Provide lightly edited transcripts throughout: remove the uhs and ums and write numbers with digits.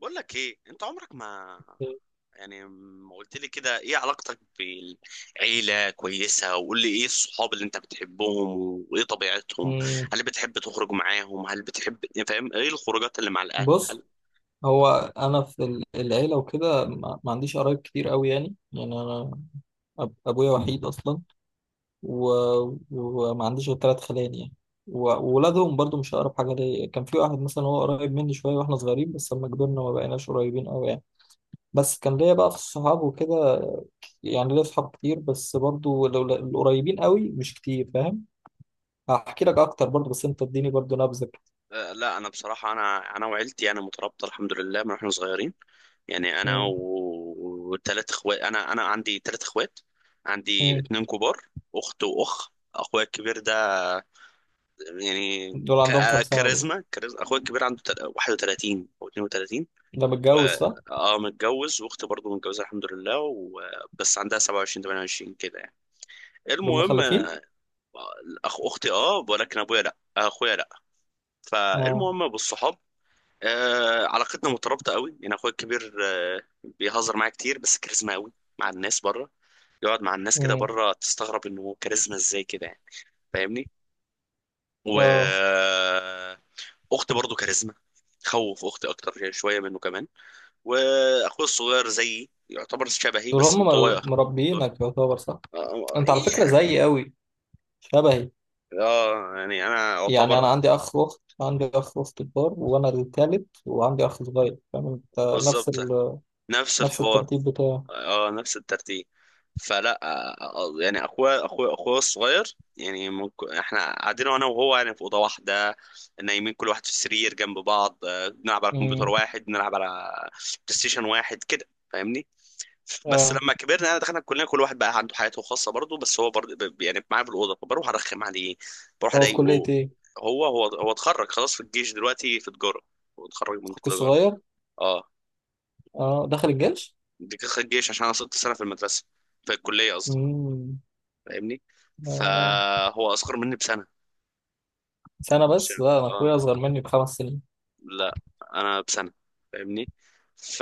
بقول لك ايه؟ انت عمرك ما يعني ما قلت لي كده، ايه علاقتك بالعيلة؟ كويسة. وقول لي ايه الصحاب اللي انت بتحبهم وايه طبيعتهم، مم. هل بتحب تخرج معاهم؟ هل بتحب فاهم؟ ايه الخروجات اللي مع الاهل؟ بص، هل هو انا في العيله وكده، ما عنديش قرايب كتير قوي يعني انا ابويا وحيد اصلا، و... وما عنديش غير ثلاث خلان يعني، وولادهم برضو مش اقرب حاجه ليا. كان في واحد مثلا هو قريب مني شويه واحنا صغيرين، بس لما كبرنا ما بقيناش قريبين قوي يعني. بس كان ليا بقى في الصحاب وكده، يعني ليا صحاب كتير، بس برضو لو القريبين قوي مش كتير، فاهم؟ هحكي لك اكتر برضو، بس انت اديني برضو نبذه كده. آه، لا، انا بصراحة انا وعيلتي انا مترابطة الحمد لله من واحنا صغيرين، انا مم. و- وثلاث اخوات، انا عندي 3 اخوات، عندي مم. اتنين كبار، اخت واخ. اخويا الكبير ده يعني دول عندهم كام ك- سنه دول؟ كاريزما كاريزما اخويا الكبير عنده 31 او 32 ده و متجوز صح؟ اه متجوز، واختي برضه متجوزه الحمد لله، و... بس عندها 27، 28 كده، دول المهم مخلفين؟ اختي اه، ولكن ابويا لا، اخويا لا. اه. فالمهم بالصحاب، آه، علاقتنا مترابطه قوي، اخويا الكبير آه بيهزر معايا كتير، بس كاريزما قوي مع الناس بره. يقعد مع الناس كده امم. بره تستغرب انه كاريزما ازاي كده، فاهمني؟ و اه. اخت برضه كاريزما. تخوف اختي اكتر شويه منه كمان. واخوي الصغير زيي يعتبر شبهي، دول بس هم انطوائي أكتر. مربيينك يعتبر، صح؟ اه، انت على فكرة إيه. زيي قوي، شبهي. آه، انا يعني انا اعتبر عندي اخ واخت، عندي اخ واخت كبار، وانا التالت، وعندي اخ صغير، فاهم انت؟ بالظبط نفس نفس الحوار. الترتيب بتاعه. اه، نفس الترتيب. فلا آه، آه، اخويا الصغير، ممكن احنا قاعدين انا وهو، في اوضه واحده نايمين كل واحد في السرير جنب بعض، آه، بنلعب على كمبيوتر امم. واحد، بنلعب على بلاي ستيشن واحد كده، فاهمني؟ بس اه. لما كبرنا دخلنا الكليه كل واحد بقى عنده حياته الخاصه برضه، بس هو برضه معايا في الاوضه فبروح ارخم عليه، بروح هو في كلية اضايقه. ايه، هو اتخرج خلاص، في الجيش دلوقتي، في تجاره. هو اتخرج من اخوك تجاره، الصغير؟ اه. اه، دخل الجيش؟ دي كان الجيش عشان انا صرت سنه في المدرسه، في الكليه قصدي، امم. فاهمني؟ آه. فهو اصغر مني بسنه. سنة مش بس؟ لا، انا اه، اخويا اصغر مني ب5 سنين. لا، انا بسنه. فاهمني؟ ف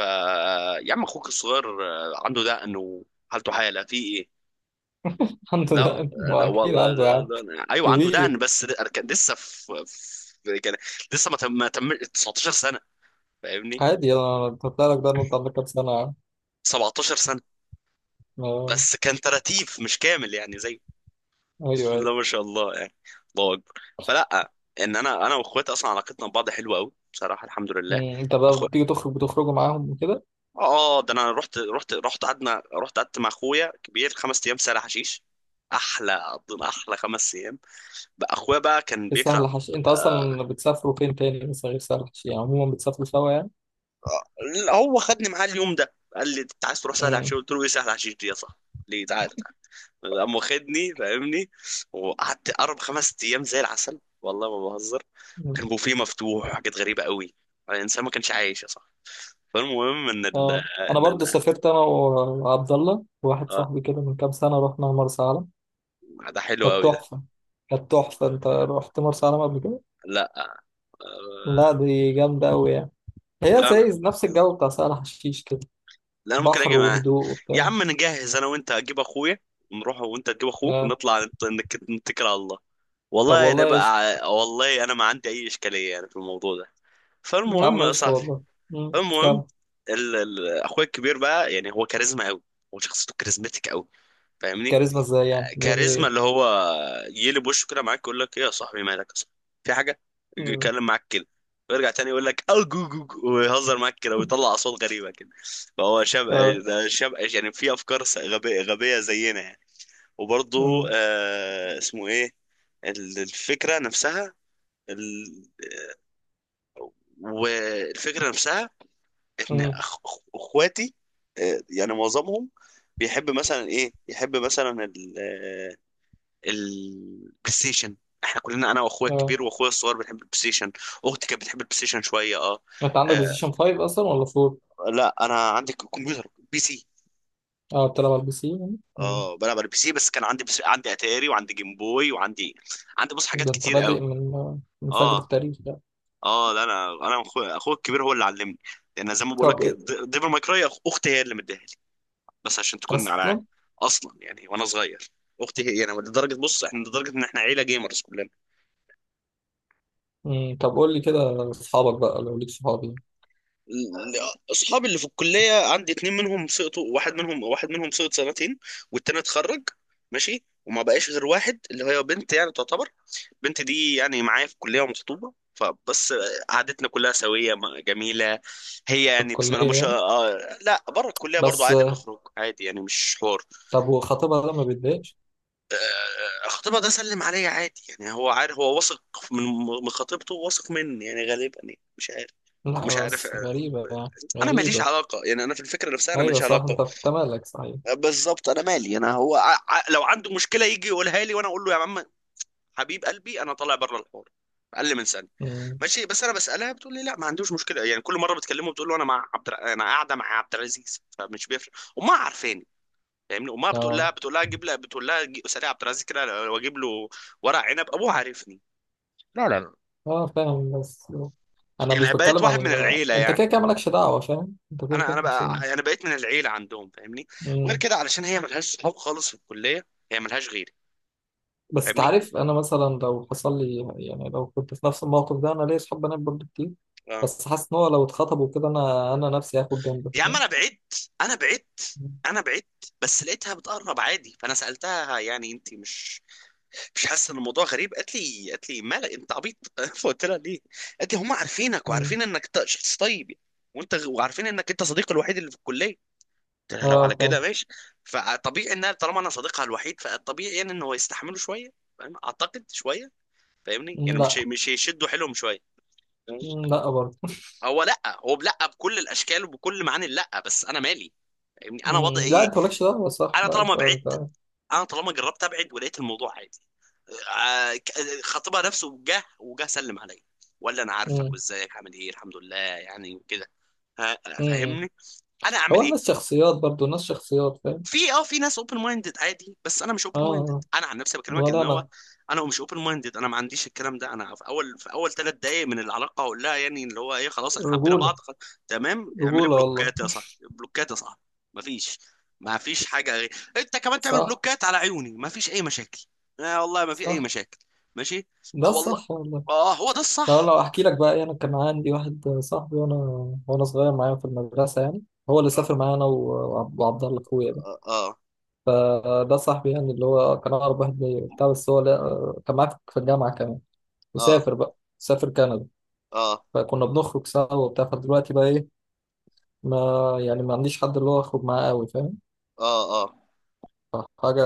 يا عم اخوك الصغير آه، عنده دقن وحالته حاله في ايه؟ عنده لا، ده، ما ده اكيد والله عنده يا عم. ايوه عنده كبير دقن، بس كان لسه في، في كان لسه ما تم 19 سنه، فاهمني؟ عادي. انا بطلع لك ده، إن انت عندك كام سنة يا عم؟ 17 سنه. آه. بس كان تراتيف مش كامل، زي ايوه، بسم أيوه. الله ما شاء الله، الله اكبر. فلا، ان انا واخواتي اصلا علاقتنا ببعض حلوه قوي بصراحه الحمد لله. مم، انت بقى اخو بتيجي تخرج، بتخرجوا معاهم وكده؟ اه، ده انا رحت قعدنا، رحت قعدت مع اخويا كبير 5 ايام سهل حشيش، احلى 5 ايام. بقى اخويا بقى كان في سهل بيكره. حشي، انت آه، اصلا بتسافروا فين تاني مثلا غير سهل حشي؟ يعني عموما بتسافروا سوا يعني؟ لا، هو خدني معاه اليوم ده، قال لي انت عايز تروح سهل مم. حشيش؟ قلت له ايه سهل حشيش دي يا صاحبي؟ ليه؟ تعالى. قام واخدني، فاهمني؟ وقعدت اربع، 5 ايام زي العسل، والله ما بهزر. مم. كان بوفيه مفتوح وحاجات غريبه قوي. الانسان ما كانش عايش يا صاحبي. فالمهم ان ال اه. انا ان برضه انا سافرت، انا وعبد الله وواحد اه، صاحبي كده، من كام سنه رحنا مرسى علم، ده حلو كانت قوي ده. تحفه، كانت تحفه. انت رحت مرسى علم قبل كده؟ لا لا، آه، دي جامده قوي يعني. هي لا زي لا نفس الجو بتاع سهل حشيش كده؟ لا انا ممكن بحر اجي معاه. وهدوء يا وبتاع. عم نجهز انا وانت، اجيب اخويا نروح وانت تجيب اخوك آه. ونطلع نتكل على الله. طب والله انا والله قشطه. بقى، والله انا ما عندي اي اشكاليه في الموضوع ده. يا فالمهم عم يا قشطه صاحبي، والله. مم. المهم، كام. ال... ال... اخويا الكبير بقى، هو كاريزما قوي، هو شخصيته كاريزماتيك قوي، فاهمني؟ كاريزما ازاي يعني، بيعمل كاريزما اللي ايه؟ هو يقلب وشه كده معاك، يقول لك ايه يا صاحبي، مالك يا صاحبي؟ في حاجه؟ يجي مم. يتكلم معاك كده، ويرجع تاني يقول لك او جو جو جو، ويهزر معاك كده ويطلع اصوات غريبه كده. فهو شاب، اه. ده شاب، في افكار غبيه غبيه زينا، وبرضه آه، اسمه ايه، الفكره نفسها، ال... والفكره نفسها ان امم. اخواتي آه، معظمهم بيحب مثلا ايه، يحب مثلا ال... آه، البلاي ستيشن. احنا كلنا انا واخويا اه. الكبير واخويا الصغير بنحب البلاي ستيشن. اختي كانت بتحب البلاي ستيشن شويه اه. انت عندك بلاي آه، ستيشن 5 اصلا ولا 4؟ لا، انا عندي كمبيوتر بي سي. اه بتلعب على البي سي يعني؟ مم. اه، بلعب على البي سي، بس كان عندي، بس عندي اتاري وعندي جيم بوي وعندي، عندي بص حاجات ده انت كتير قوي. بادئ من فجر اه، التاريخ ده. اه، لا، انا اخويا الكبير هو اللي علمني، لان زي ما بقول طب لك إيه؟ ديفل ماي كراي اختي هي اللي مديها لي بس عشان تكون على اصلا. اصلا، وانا صغير. اختي هي انا لدرجه، بص احنا لدرجه ان احنا عيله جيمرز كلنا. مم. طب قول لي كده اصحابك بقى، لو ليك صحابي اصحابي اللي في الكليه عندي اتنين منهم سقطوا، واحد منهم، واحد منهم سقط سنتين، والتاني اتخرج ماشي، وما بقاش غير واحد اللي هي بنت تعتبر. البنت دي معايا في الكلية ومخطوبة، فبس قعدتنا كلها سوية جميلة. هي في بسم الله الكليه ما شاء يعني. الله، آه، لا، بره الكلية برضو بس عادي، آه، بنخرج عادي مش حوار. طب وخطيبها ده ما بيتضايقش؟ آه، خطيبها ده سلم عليا عادي، هو عارف، هو واثق من من خطيبته، واثق مني غالبا، مش عارف، مش لا عارف بس آه، غريبه، يعني انا ماليش غريبه. علاقه، انا في الفكره نفسها انا ايوه، ماليش صح، علاقه. انت مالك، صحيح. آه، بالظبط، انا مالي انا، هو لو عنده مشكله يجي يقولها لي وانا اقول له يا عم حبيب قلبي، انا طالع بره الحوار. اقل من سنه مم. ماشي. بس انا بسالها بتقول لي لا ما عندوش مشكله، كل مره بتكلمه بتقول له انا مع انا قاعده مع عبد العزيز، فمش بيفرق. امها عارفاني، فاهمني؟ امها بتقول لها، اه، بتقول لها جيب لها، بتقول لها اسالي عبد العزيز كده واجيب له ورق عنب. ابوه عارفني، لا اه، فاهم بس. انا مش بقيت بتكلم واحد من عن العيله، انت، كده كده مالكش دعوه، فاهم انت؟ كده انا كده انا مالكش بقى انا بقيت من العيله عندهم، فاهمني؟ غير دعوه. كده علشان هي ملهاش صحاب خالص في الكليه، هي ملهاش غيري، بس فاهمني؟ تعرف، انا مثلا لو حصل لي يعني، لو كنت في نفس الموقف ده، انا ليا صحاب بنات برضه كتير، اه بس حاسس ان هو لو اتخطبوا كده، انا نفسي هاخد جنب، يا عم فاهم؟ انا بعدت انا بعدت بس لقيتها بتقرب عادي، فانا سالتها انت مش، مش حاسه ان الموضوع غريب؟ قالت لي، قالت لي مالك انت عبيط؟ فقلت لها ليه؟ قالت لي هم عارفينك مم. وعارفين انك شخص طيب يعني. وعارفين انك انت صديقي الوحيد اللي في الكليه. قلت لها لو على اه، كده فاهم. ماشي. فطبيعي انها طالما انا صديقها الوحيد، فالطبيعي ان هو يستحملوا شويه، فاهم؟ اعتقد شويه، فاهمني؟ مم، لا. مش مش هيشدوا حيلهم شويه، فاهمني؟ مم، لا برضه. هو لا، هو لا، بكل الاشكال وبكل معاني لا، بس انا مالي، فاهمني؟ انا وضعي مم، لا، ايه؟ انت مالكش دعوه، صح. انا لا، طالما انت بعدت، انت انا طالما جربت ابعد ولقيت الموضوع عادي، خطيبها نفسه جه وجه سلم عليا ولا انا عارفك، مم. وازيك عامل ايه الحمد لله يعني، وكده. ها مم. فاهمني؟ انا اعمل هو ايه؟ الناس شخصيات، برضه الناس شخصيات، فاهم. في اه، في ناس اوبن مايندد عادي، بس انا مش اه. اوبن مايندد آه. انا عن نفسي بكلمك، ولا ان هو انا. انا مش اوبن مايندد، انا ما عنديش الكلام ده. انا في اول، في اول 3 دقائق من العلاقه اقول لها يعني اللي هو ايه، خلاص احنا حبينا رجوله. بعض خلاص. تمام، اعملي رجوله والله. بلوكات يا صاحبي، بلوكات يا صاحبي، ما فيش، ما فيش حاجه غير، انت كمان تعمل صح. بلوكات على عيوني ما فيش اي مشاكل. آه، والله ما في اي صح. مشاكل، ماشي، اه ده والله، صح والله. اه هو ده لو الصح. لو احكي لك بقى، إيه، انا كان عندي واحد صاحبي، وانا صغير معايا في المدرسه يعني. هو اللي اه، سافر معايا، انا وعبد الله اخويا ده. اه، آه، ده صاحبي يعني، اللي هو كان اقرب واحد ليا وبتاع، بس هو لا آه، كان معايا في الجامعه كمان. اه، اه، وسافر بقى، سافر كندا. اه، فكنا بنخرج سوا وبتاع. فدلوقتي بقى ايه، ما يعني ما عنديش حد اللي هو اخرج معاه قوي، فاهم؟ اه، آه، آه. فحاجه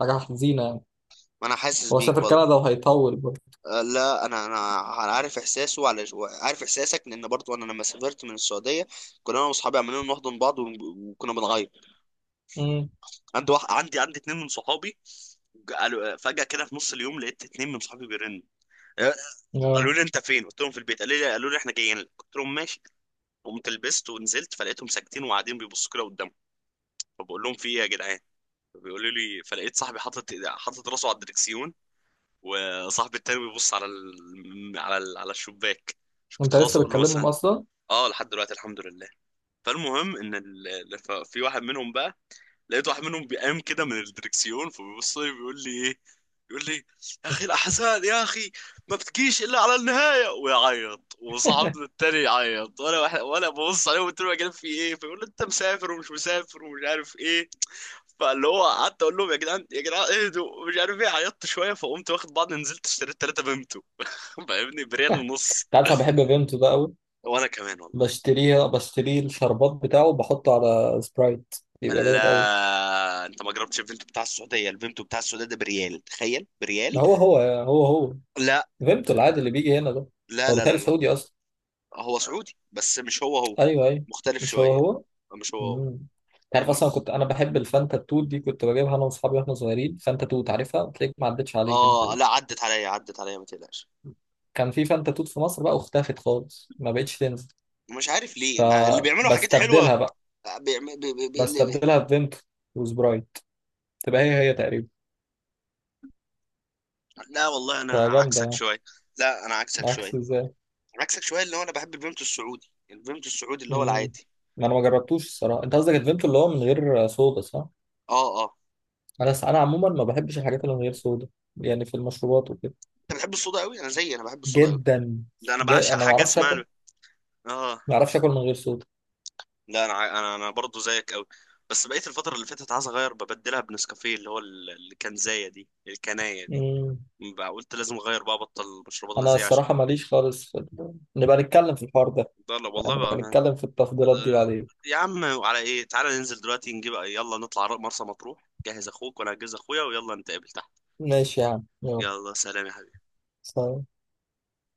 حاجه حزينه يعني. ما انا حاسس هو بيك سافر والله، كندا وهيطول برضه. آه، لا انا انا عارف احساسه على، عارف احساسك، لان برضو انا لما سافرت من السعوديه، كنا انا واصحابي عمالين نحضن بعض وكنا بنغير. امم. عندي واحد، عندي، عندي اتنين من صحابي، قالوا فجاه كده في نص اليوم لقيت اتنين من صحابي بيرنوا، آه، قالوا اه. لي انت فين؟ قلت لهم في البيت، قالوا لي احنا جايين لك، قلت لهم ماشي. قمت لبست ونزلت، فلقيتهم ساكتين وقاعدين بيبصوا كده قدامهم، فبقول لهم في ايه يا جدعان؟ فبيقولوا لي، فلقيت صاحبي حاطط، حاطط راسه على الدركسيون، وصاحبي التاني بيبص على ال... على ال... على الشباك. كنت انت خلاص لسه اقول له بتكلمهم مثلا اصلا؟ اه لحد دلوقتي الحمد لله. فالمهم ان ال... في واحد منهم بقى، لقيت واحد منهم بيقام كده من الدركسيون، فبيبص لي بيقول لي ايه، بيقول لي يا اخي الاحزان يا اخي ما بتجيش الا على النهايه، ويعيط، وصاحبنا التاني يعيط، وانا واحد وانا ببص عليه وقلت له يا جدعان في ايه؟ فيقول لي انت مسافر ومش مسافر ومش عارف ايه. فاللي هو قعدت اقول لهم يا جدعان، يا جدعان اهدوا مش عارف ايه، عيطت شويه فقمت واخد بعض نزلت اشتريت 3 بيمتو فاهمني؟ بريال ونص انت عارف، انا بحب بنته ده قوي. وانا كمان والله. بشتريه الشربات بتاعه وبحطه على سبرايت، بيبقى جامد قوي. لا انت ما جربتش الفينتو بتاع السعوديه، الفينتو بتاع السعوديه ده بريال، تخيل، بريال. هو. لا فيمتو العادي اللي بيجي هنا ده. لا هو لا بيتهيألي لا لا، سعودي اصلا. هو سعودي بس مش هو هو، ايوه، ايوه. مختلف مش هو شويه، هو. مش هو هو، امم تعرف فاهمني؟ اصلا، كنت انا بحب الفانتا توت دي، كنت بجيبها انا واصحابي واحنا صغيرين. فانتا توت عارفها؟ تلاقيك ما عدتش عليك انت اه دي. لا، عدت عليا ما تقلقش. كان في فانتا توت في مصر بقى، واختفت خالص، ما بقتش تنزل. مش عارف ليه ما اللي بيعملوا حاجات حلوه. فبستبدلها بقى، بيعم... بي... بي... بي... اللي بي... بستبدلها بفيمتو وسبرايت، تبقى هي هي تقريبا، لا والله انا فجامده عكسك يعني. شويه، لا انا عكسك عكس شويه، ازاي؟ عكسك شويه اللي هو انا بحب الفيمتو السعودي، الفيمتو السعودي اللي هو مم. العادي. ما انا ما جربتوش الصراحه. انت قصدك الفيمتو اللي هو من غير صودا، صح؟ اه، اه. انا عموما ما بحبش الحاجات اللي من غير صودا، يعني في المشروبات وكده. انت بتحب الصودا قوي، انا زيي، انا بحب الصودا قوي. جدا. ده انا بعشق انا ما حاجه اعرفش اكل، اسمها اه ما اعرفش اكل من غير صودا. لا انا ع- انا انا برضه زيك قوي. بس بقيت الفتره اللي فاتت عايز اغير ببدلها بنسكافيه اللي هو الكنزايه دي، الكنايه دي، مم. بقى قلت لازم اغير بقى، ابطل مشروبات انا غازيه عشان الصراحه ماليش خالص نبقى نتكلم في الحوار ده ده. لا والله يعني، نبقى بقى ما... نتكلم في التفضيلات دي ده- بعدين. يا عم على ايه؟ تعالى ننزل دلوقتي نجيب، يلا نطلع مرسى مطروح، جهز اخوك وانا هجهز اخويا ويلا نتقابل تحت. ماشي يا عم يلا. يلا سلام يا حبيبي. سلام.